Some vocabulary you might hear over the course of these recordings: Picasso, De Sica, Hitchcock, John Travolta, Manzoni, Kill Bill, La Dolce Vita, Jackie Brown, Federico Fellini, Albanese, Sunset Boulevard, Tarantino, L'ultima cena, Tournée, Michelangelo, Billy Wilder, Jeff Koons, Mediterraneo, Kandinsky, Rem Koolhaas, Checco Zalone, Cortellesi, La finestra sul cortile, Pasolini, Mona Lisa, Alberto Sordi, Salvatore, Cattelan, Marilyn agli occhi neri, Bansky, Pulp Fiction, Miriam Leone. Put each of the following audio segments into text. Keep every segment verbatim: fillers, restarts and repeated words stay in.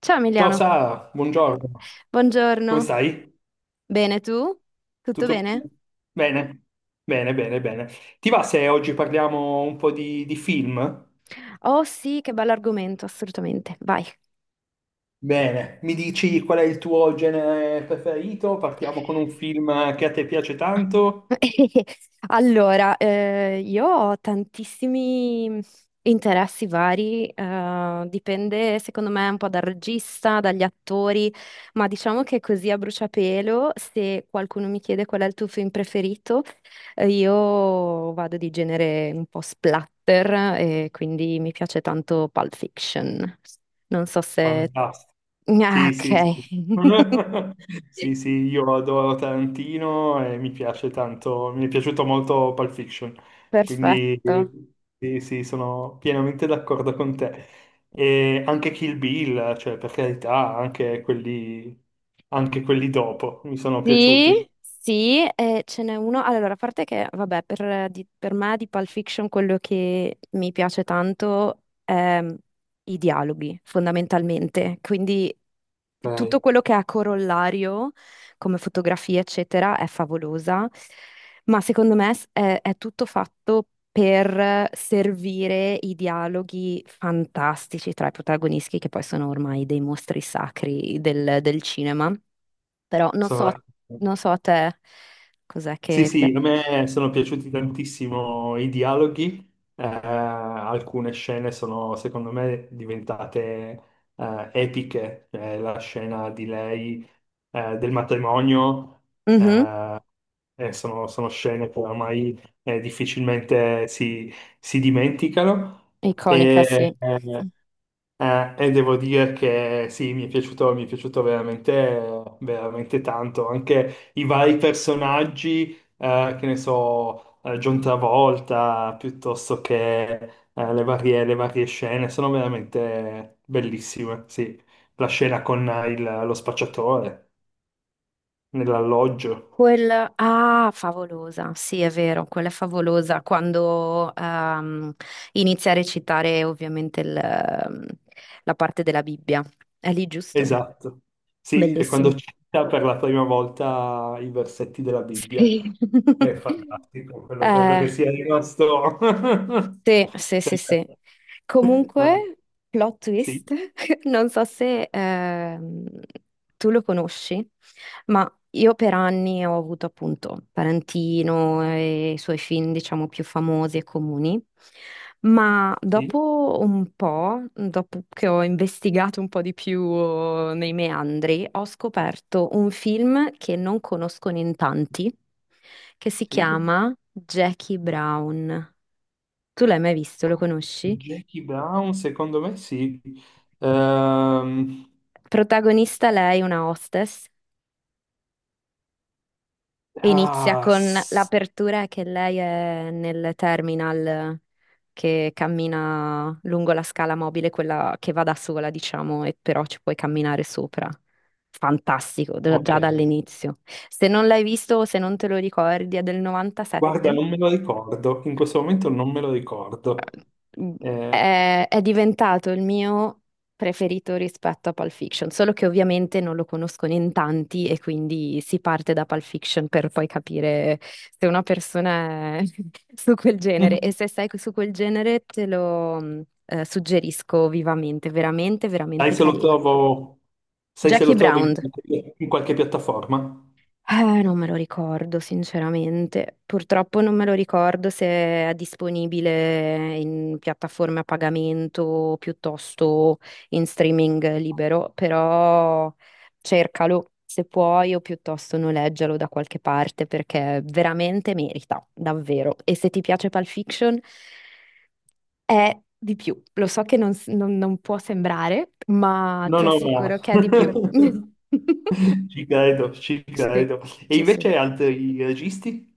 Ciao Ciao Emiliano, Sara, buongiorno. Come buongiorno. stai? Bene tu? Tutto Tutto bene? bene? Bene, bene, bene. Ti va se oggi parliamo un po' di, di film? Oh sì, che bello argomento, assolutamente. Vai. Bene, mi dici qual è il tuo genere preferito? Partiamo con un film che a te piace tanto? Allora, eh, io ho tantissimi interessi vari, eh, dipende secondo me un po' dal regista, dagli attori, ma diciamo che così a bruciapelo, se qualcuno mi chiede qual è il tuo film preferito, eh, io vado di genere un po' splatter e quindi mi piace tanto Pulp Fiction. Non so se. Fantastico. Ah, Sì, sì, sì. ok, Sì, sì, io adoro Tarantino e mi piace tanto, mi è piaciuto molto Pulp Fiction, quindi perfetto. sì, sì, sono pienamente d'accordo con te. E anche Kill Bill, cioè per carità, anche quelli, anche quelli dopo mi sono Sì, piaciuti. sì, eh, ce n'è uno. Allora, a parte che, vabbè, per, di- per me di Pulp Fiction quello che mi piace tanto è i dialoghi, fondamentalmente. Quindi tutto Ok, quello che ha corollario, come fotografia, eccetera, è favolosa. Ma secondo me s- è, è tutto fatto per servire i dialoghi fantastici tra i protagonisti, che poi sono ormai dei mostri sacri del del cinema. Però non sono so, d'accordo. non so a te cos'è Sì, che sì, piace. a me sono piaciuti tantissimo i dialoghi. Eh, alcune scene sono secondo me diventate eh, epiche. Cioè, la scena di lei eh, del matrimonio. Mhm, Eh, eh, sono, sono scene che ormai eh, difficilmente si, si dimenticano. iconica, E, sì. eh, eh, e devo dire che sì, mi è piaciuto, mi è piaciuto veramente, veramente tanto. Anche i vari personaggi, eh, che ne so, eh, John Travolta, piuttosto che eh, le varie, le varie scene, sono veramente bellissime. Sì, la scena con eh, il- lo spacciatore nell'alloggio. Quella, ah, favolosa, sì, è vero, quella è favolosa quando ehm, inizia a recitare ovviamente il, ehm, la parte della Bibbia. È lì, giusto? Esatto. Sì, e quando Bellissimo. cita per la prima volta i versetti della Bibbia. Sì. È fantastico, quello credo che Eh, sia rimasto. Sì, sì, sì, sì. Ah, Comunque, plot sì, twist, non so se ehm, tu lo conosci, ma io per anni ho avuto appunto Tarantino e i suoi film, diciamo, più famosi e comuni, ma sì, dopo un po', dopo che ho investigato un po' di più oh, nei meandri, ho scoperto un film che non conoscono in tanti, che si sì. chiama Jackie Brown. Tu l'hai mai visto, lo conosci? Jackie Brown, secondo me sì. Ehm, Protagonista lei, una hostess, e inizia ah, con s- l'apertura che lei è nel terminal che cammina lungo la scala mobile, quella che va da sola, diciamo, e però ci puoi camminare sopra. Fantastico, da- ok. già dall'inizio. Se non l'hai visto o se non te lo ricordi, è del Guarda, novantasette. non me lo ricordo. In questo momento non me lo ricordo. Eh, È, è diventato il mio preferito rispetto a Pulp Fiction, solo che ovviamente non lo conoscono in tanti e quindi si parte da Pulp Fiction per poi capire se una persona è su quel genere e mm, se sei su quel genere te lo mh, eh, suggerisco vivamente, veramente, sai veramente se lo carino. trovo, sai se lo Jackie trovo in Brown. in qualche piattaforma? Eh, non me lo ricordo, sinceramente. Purtroppo non me lo ricordo se è disponibile in piattaforme a pagamento piuttosto in streaming libero, però cercalo se puoi o piuttosto noleggialo da qualche parte perché veramente merita, davvero. E se ti piace Pulp Fiction è di più. Lo so che non s- non- non può sembrare, ma No, ti no, ma. assicuro che è di più. Ci credo, ci Sì, credo. E sì, sì. invece altri registi,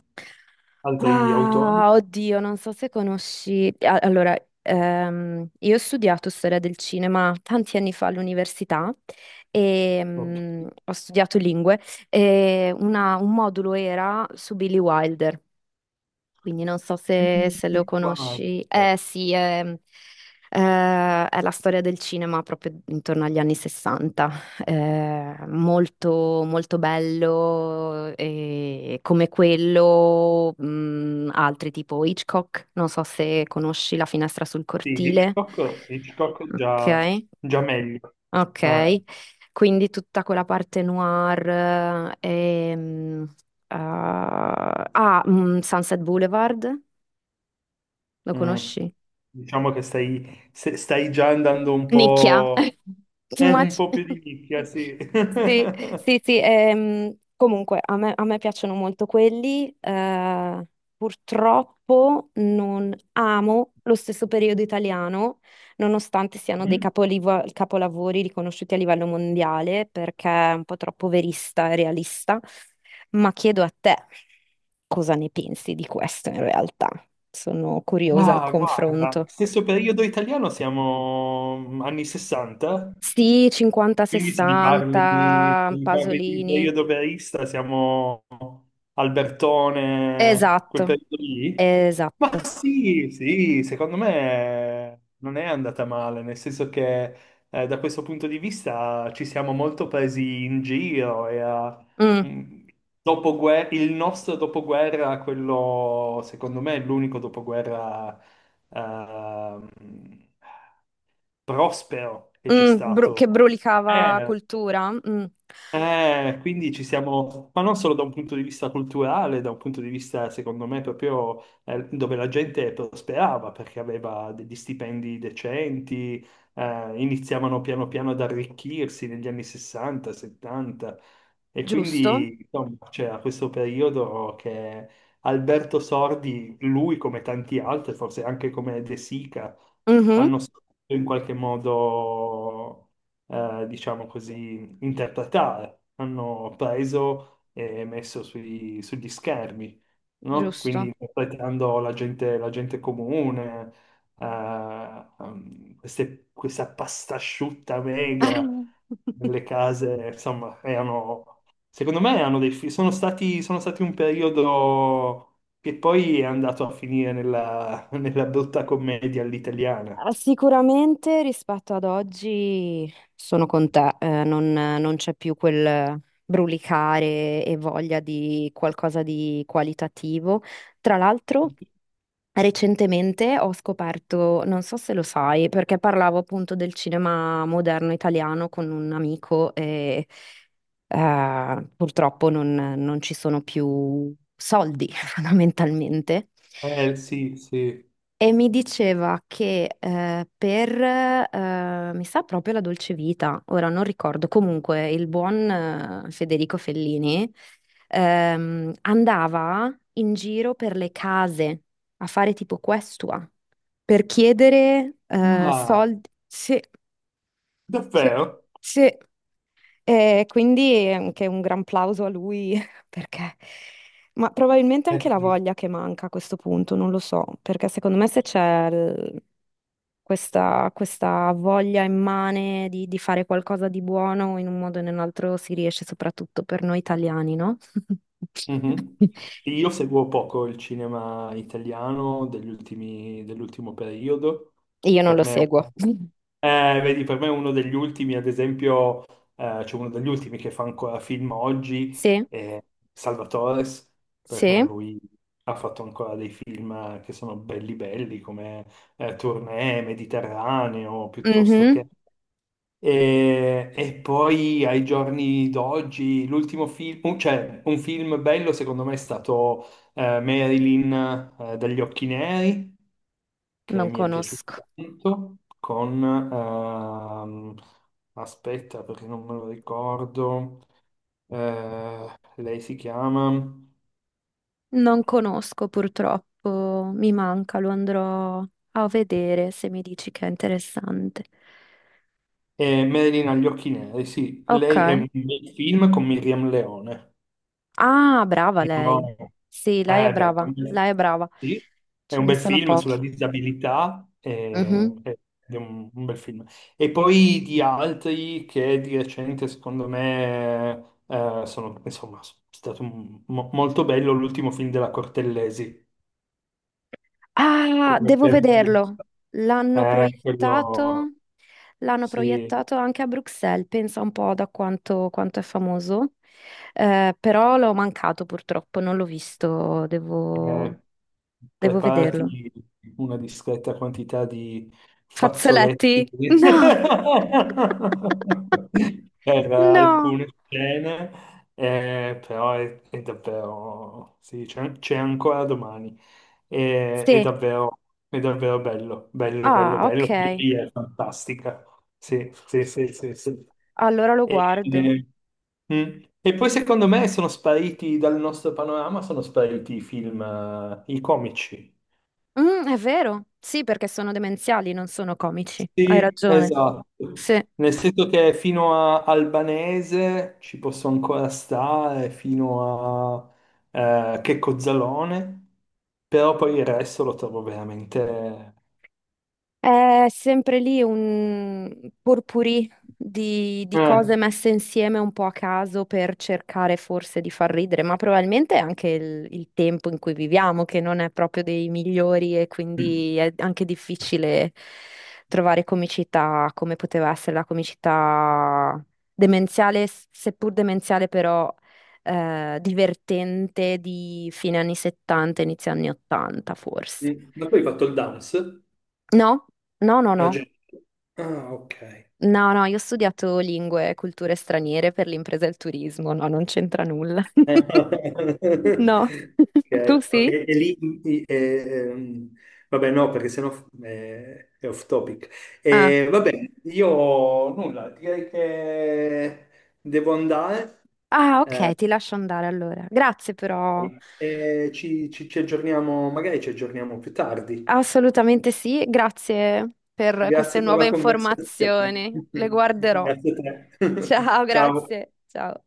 altri autori? Ah, oddio, non so se conosci. a- Allora, ehm, io ho studiato storia del cinema tanti anni fa all'università e No, mm, ho studiato lingue e una- un modulo era su Billy Wilder. Quindi non so se, quindi se lo qua, conosci. eh, Eh sì, è, eh, è la storia del cinema proprio intorno agli anni sessanta. Eh, molto, molto bello, e come quello, mh, altri tipo Hitchcock. Non so se conosci La finestra sul sì, cortile. Hitchcock, Hitchcock Ok, già, già meglio. Eh, ok. Quindi tutta quella parte noir. eh, ehm, ah, ah, mm, Sunset Boulevard. Lo mm. conosci? Diciamo che stai, se- stai già andando un Nicchia. po', Too eh, un much. po' più di nicchia, sì. Sì, sì, sì. Ehm, comunque, a me, a me piacciono molto quelli. Eh, purtroppo non amo lo stesso periodo italiano, nonostante siano dei Mm? capolivo- capolavori riconosciuti a livello mondiale, perché è un po' troppo verista e realista. Ma chiedo a te, cosa ne pensi di questo in realtà? Sono curiosa al Ah, guarda, confronto. stesso periodo italiano, siamo anni sessanta. Sì, Quindi se mi parli, se cinquanta sessanta, mi parli di un Pasolini. periodo verista, siamo Albertone, quel Esatto, periodo lì? Ma esatto. sì, sì, secondo me non è andata male, nel senso che eh, da questo punto di vista ci siamo molto presi in giro e a- Mm, mh, dopoguer- il nostro dopoguerra, quello secondo me è l'unico dopoguerra ehm, prospero che c'è mm, bru- stato. che brulicava Eh, cultura. Mm. eh, quindi ci siamo, ma non solo da un punto di vista culturale, da un punto di vista, secondo me, proprio eh, dove la gente prosperava perché aveva degli stipendi decenti. Eh, iniziavano piano piano ad arricchirsi negli anni sessanta, settanta, e Giusto? quindi insomma, c'era questo periodo che Alberto Sordi, lui come tanti altri, forse anche come De Sica, Mhm, hanno saputo in qualche modo, eh, diciamo così interpretare, hanno preso e messo sui- sugli schermi, no? Quindi giusto. interpretando la gente, la gente comune, eh, ehm, queste- questa pasta asciutta mega nelle case, insomma, erano, secondo me erano dei, fi- sono stati, sono stati un periodo che poi è andato a finire nella, nella brutta commedia all'italiana. Ah, sicuramente rispetto ad oggi sono con te, eh, non, non c'è più quel brulicare e voglia di qualcosa di qualitativo. Tra l'altro, recentemente ho scoperto, non so se lo sai, perché parlavo appunto del cinema moderno italiano con un amico e eh, purtroppo non, non ci sono più soldi fondamentalmente. Eh sì, sì. E mi diceva che eh, per, eh, mi sa proprio La Dolce Vita, ora non ricordo, comunque il buon eh, Federico Fellini ehm, andava in giro per le case a fare tipo questua per chiedere eh, Ah, soldi. Sì, sì, davvero? sì. E quindi anche un gran plauso a lui perché, ma probabilmente Eh anche la sì. voglia che manca a questo punto, non lo so, perché secondo me se c'è il- questa, questa voglia immane di, di fare qualcosa di buono in un modo o in un altro si riesce soprattutto per noi italiani, no? Mhm. Io seguo poco il cinema italiano degli ultimi- dell'ultimo periodo. Io non Per lo me, seguo. eh, vedi, per me è uno degli ultimi, ad esempio. Eh, c'è uno degli ultimi che fa ancora film oggi, Sì, è Salvatore. Per me sì, lui ha fatto ancora dei film che sono belli belli, come eh, Tournée, Mediterraneo, piuttosto mhm. che. E, e poi ai giorni d'oggi, l'ultimo film, un- cioè un film bello secondo me è stato eh, Marilyn eh, dagli occhi neri, che Non mi è piaciuto conosco. tanto, con, ehm, aspetta perché non me lo ricordo. Eh, lei si chiama Non conosco purtroppo, mi manca, lo andrò a vedere se mi dici che è interessante. eh, Marilyn agli occhi neri, sì, Ok. lei è un bel film con Miriam Leone. Ah, brava No. lei. Sì, lei è Eh, beh, È brava, un bel- lei è brava. sì, è Ce un ne bel sono film sulla pochi. disabilità, Mhm. eh, ed è un, un bel film. E poi di altri che di recente, secondo me, eh, sono, insomma, è stato un- mo- molto bello l'ultimo film della Cortellesi. Ah, Quello, devo per- vederlo. L'hanno eh, quello, proiettato, l'hanno sì. proiettato anche a Bruxelles, pensa un po' da quanto, quanto è famoso. Eh, però l'ho mancato purtroppo, non l'ho visto, devo Eh, devo vederlo. Preparati una discreta quantità di fazzoletti Fazzoletti? No, per no. alcune scene. Eh, però è, è, davvero, sì, c'è c'è ancora domani. È, è Sì. davvero, è davvero bello, bello, bello, Ah, bello. ok. Lì è fantastica. Sì, sì, sì, sì, sì. Allora lo E, guardo. eh, mm. E poi secondo me sono spariti dal nostro panorama, sono spariti i film, eh, i comici. Mm, è vero. Sì, perché sono demenziali, non sono comici. Hai Sì, ragione. esatto. Sì. Nel senso che fino a Albanese ci posso ancora stare, fino a eh, Checco Zalone, però poi il resto lo trovo veramente. È sempre lì un purpurì di, di Eh. cose messe insieme un po' a caso per cercare forse di far ridere, ma probabilmente è anche il, il tempo in cui viviamo, che non è proprio dei migliori e quindi è anche difficile trovare comicità come poteva essere la comicità demenziale, s- seppur demenziale però eh, divertente di fine anni settanta, inizio anni ottanta forse. Mm. Ma poi hai fatto il dance? No? No, no, Ah, no. già. Ah, ok. No, no, io ho studiato lingue e culture straniere per l'impresa e il turismo, no, non c'entra nulla. Ok, No, tu ok, sì? e lì, i- eh, ehm, vabbè no, perché sennò eh, è off topic. Ah. Eh, vabbè, io nulla, direi che devo andare, Ah, eh, ok, ti lascio andare allora. Grazie però. e ci, ci- ci aggiorniamo, magari ci aggiorniamo più tardi. Assolutamente sì, grazie per queste Grazie per nuove la conversazione. informazioni. Le guarderò. Grazie a te. Ciao, Ciao. grazie. Ciao.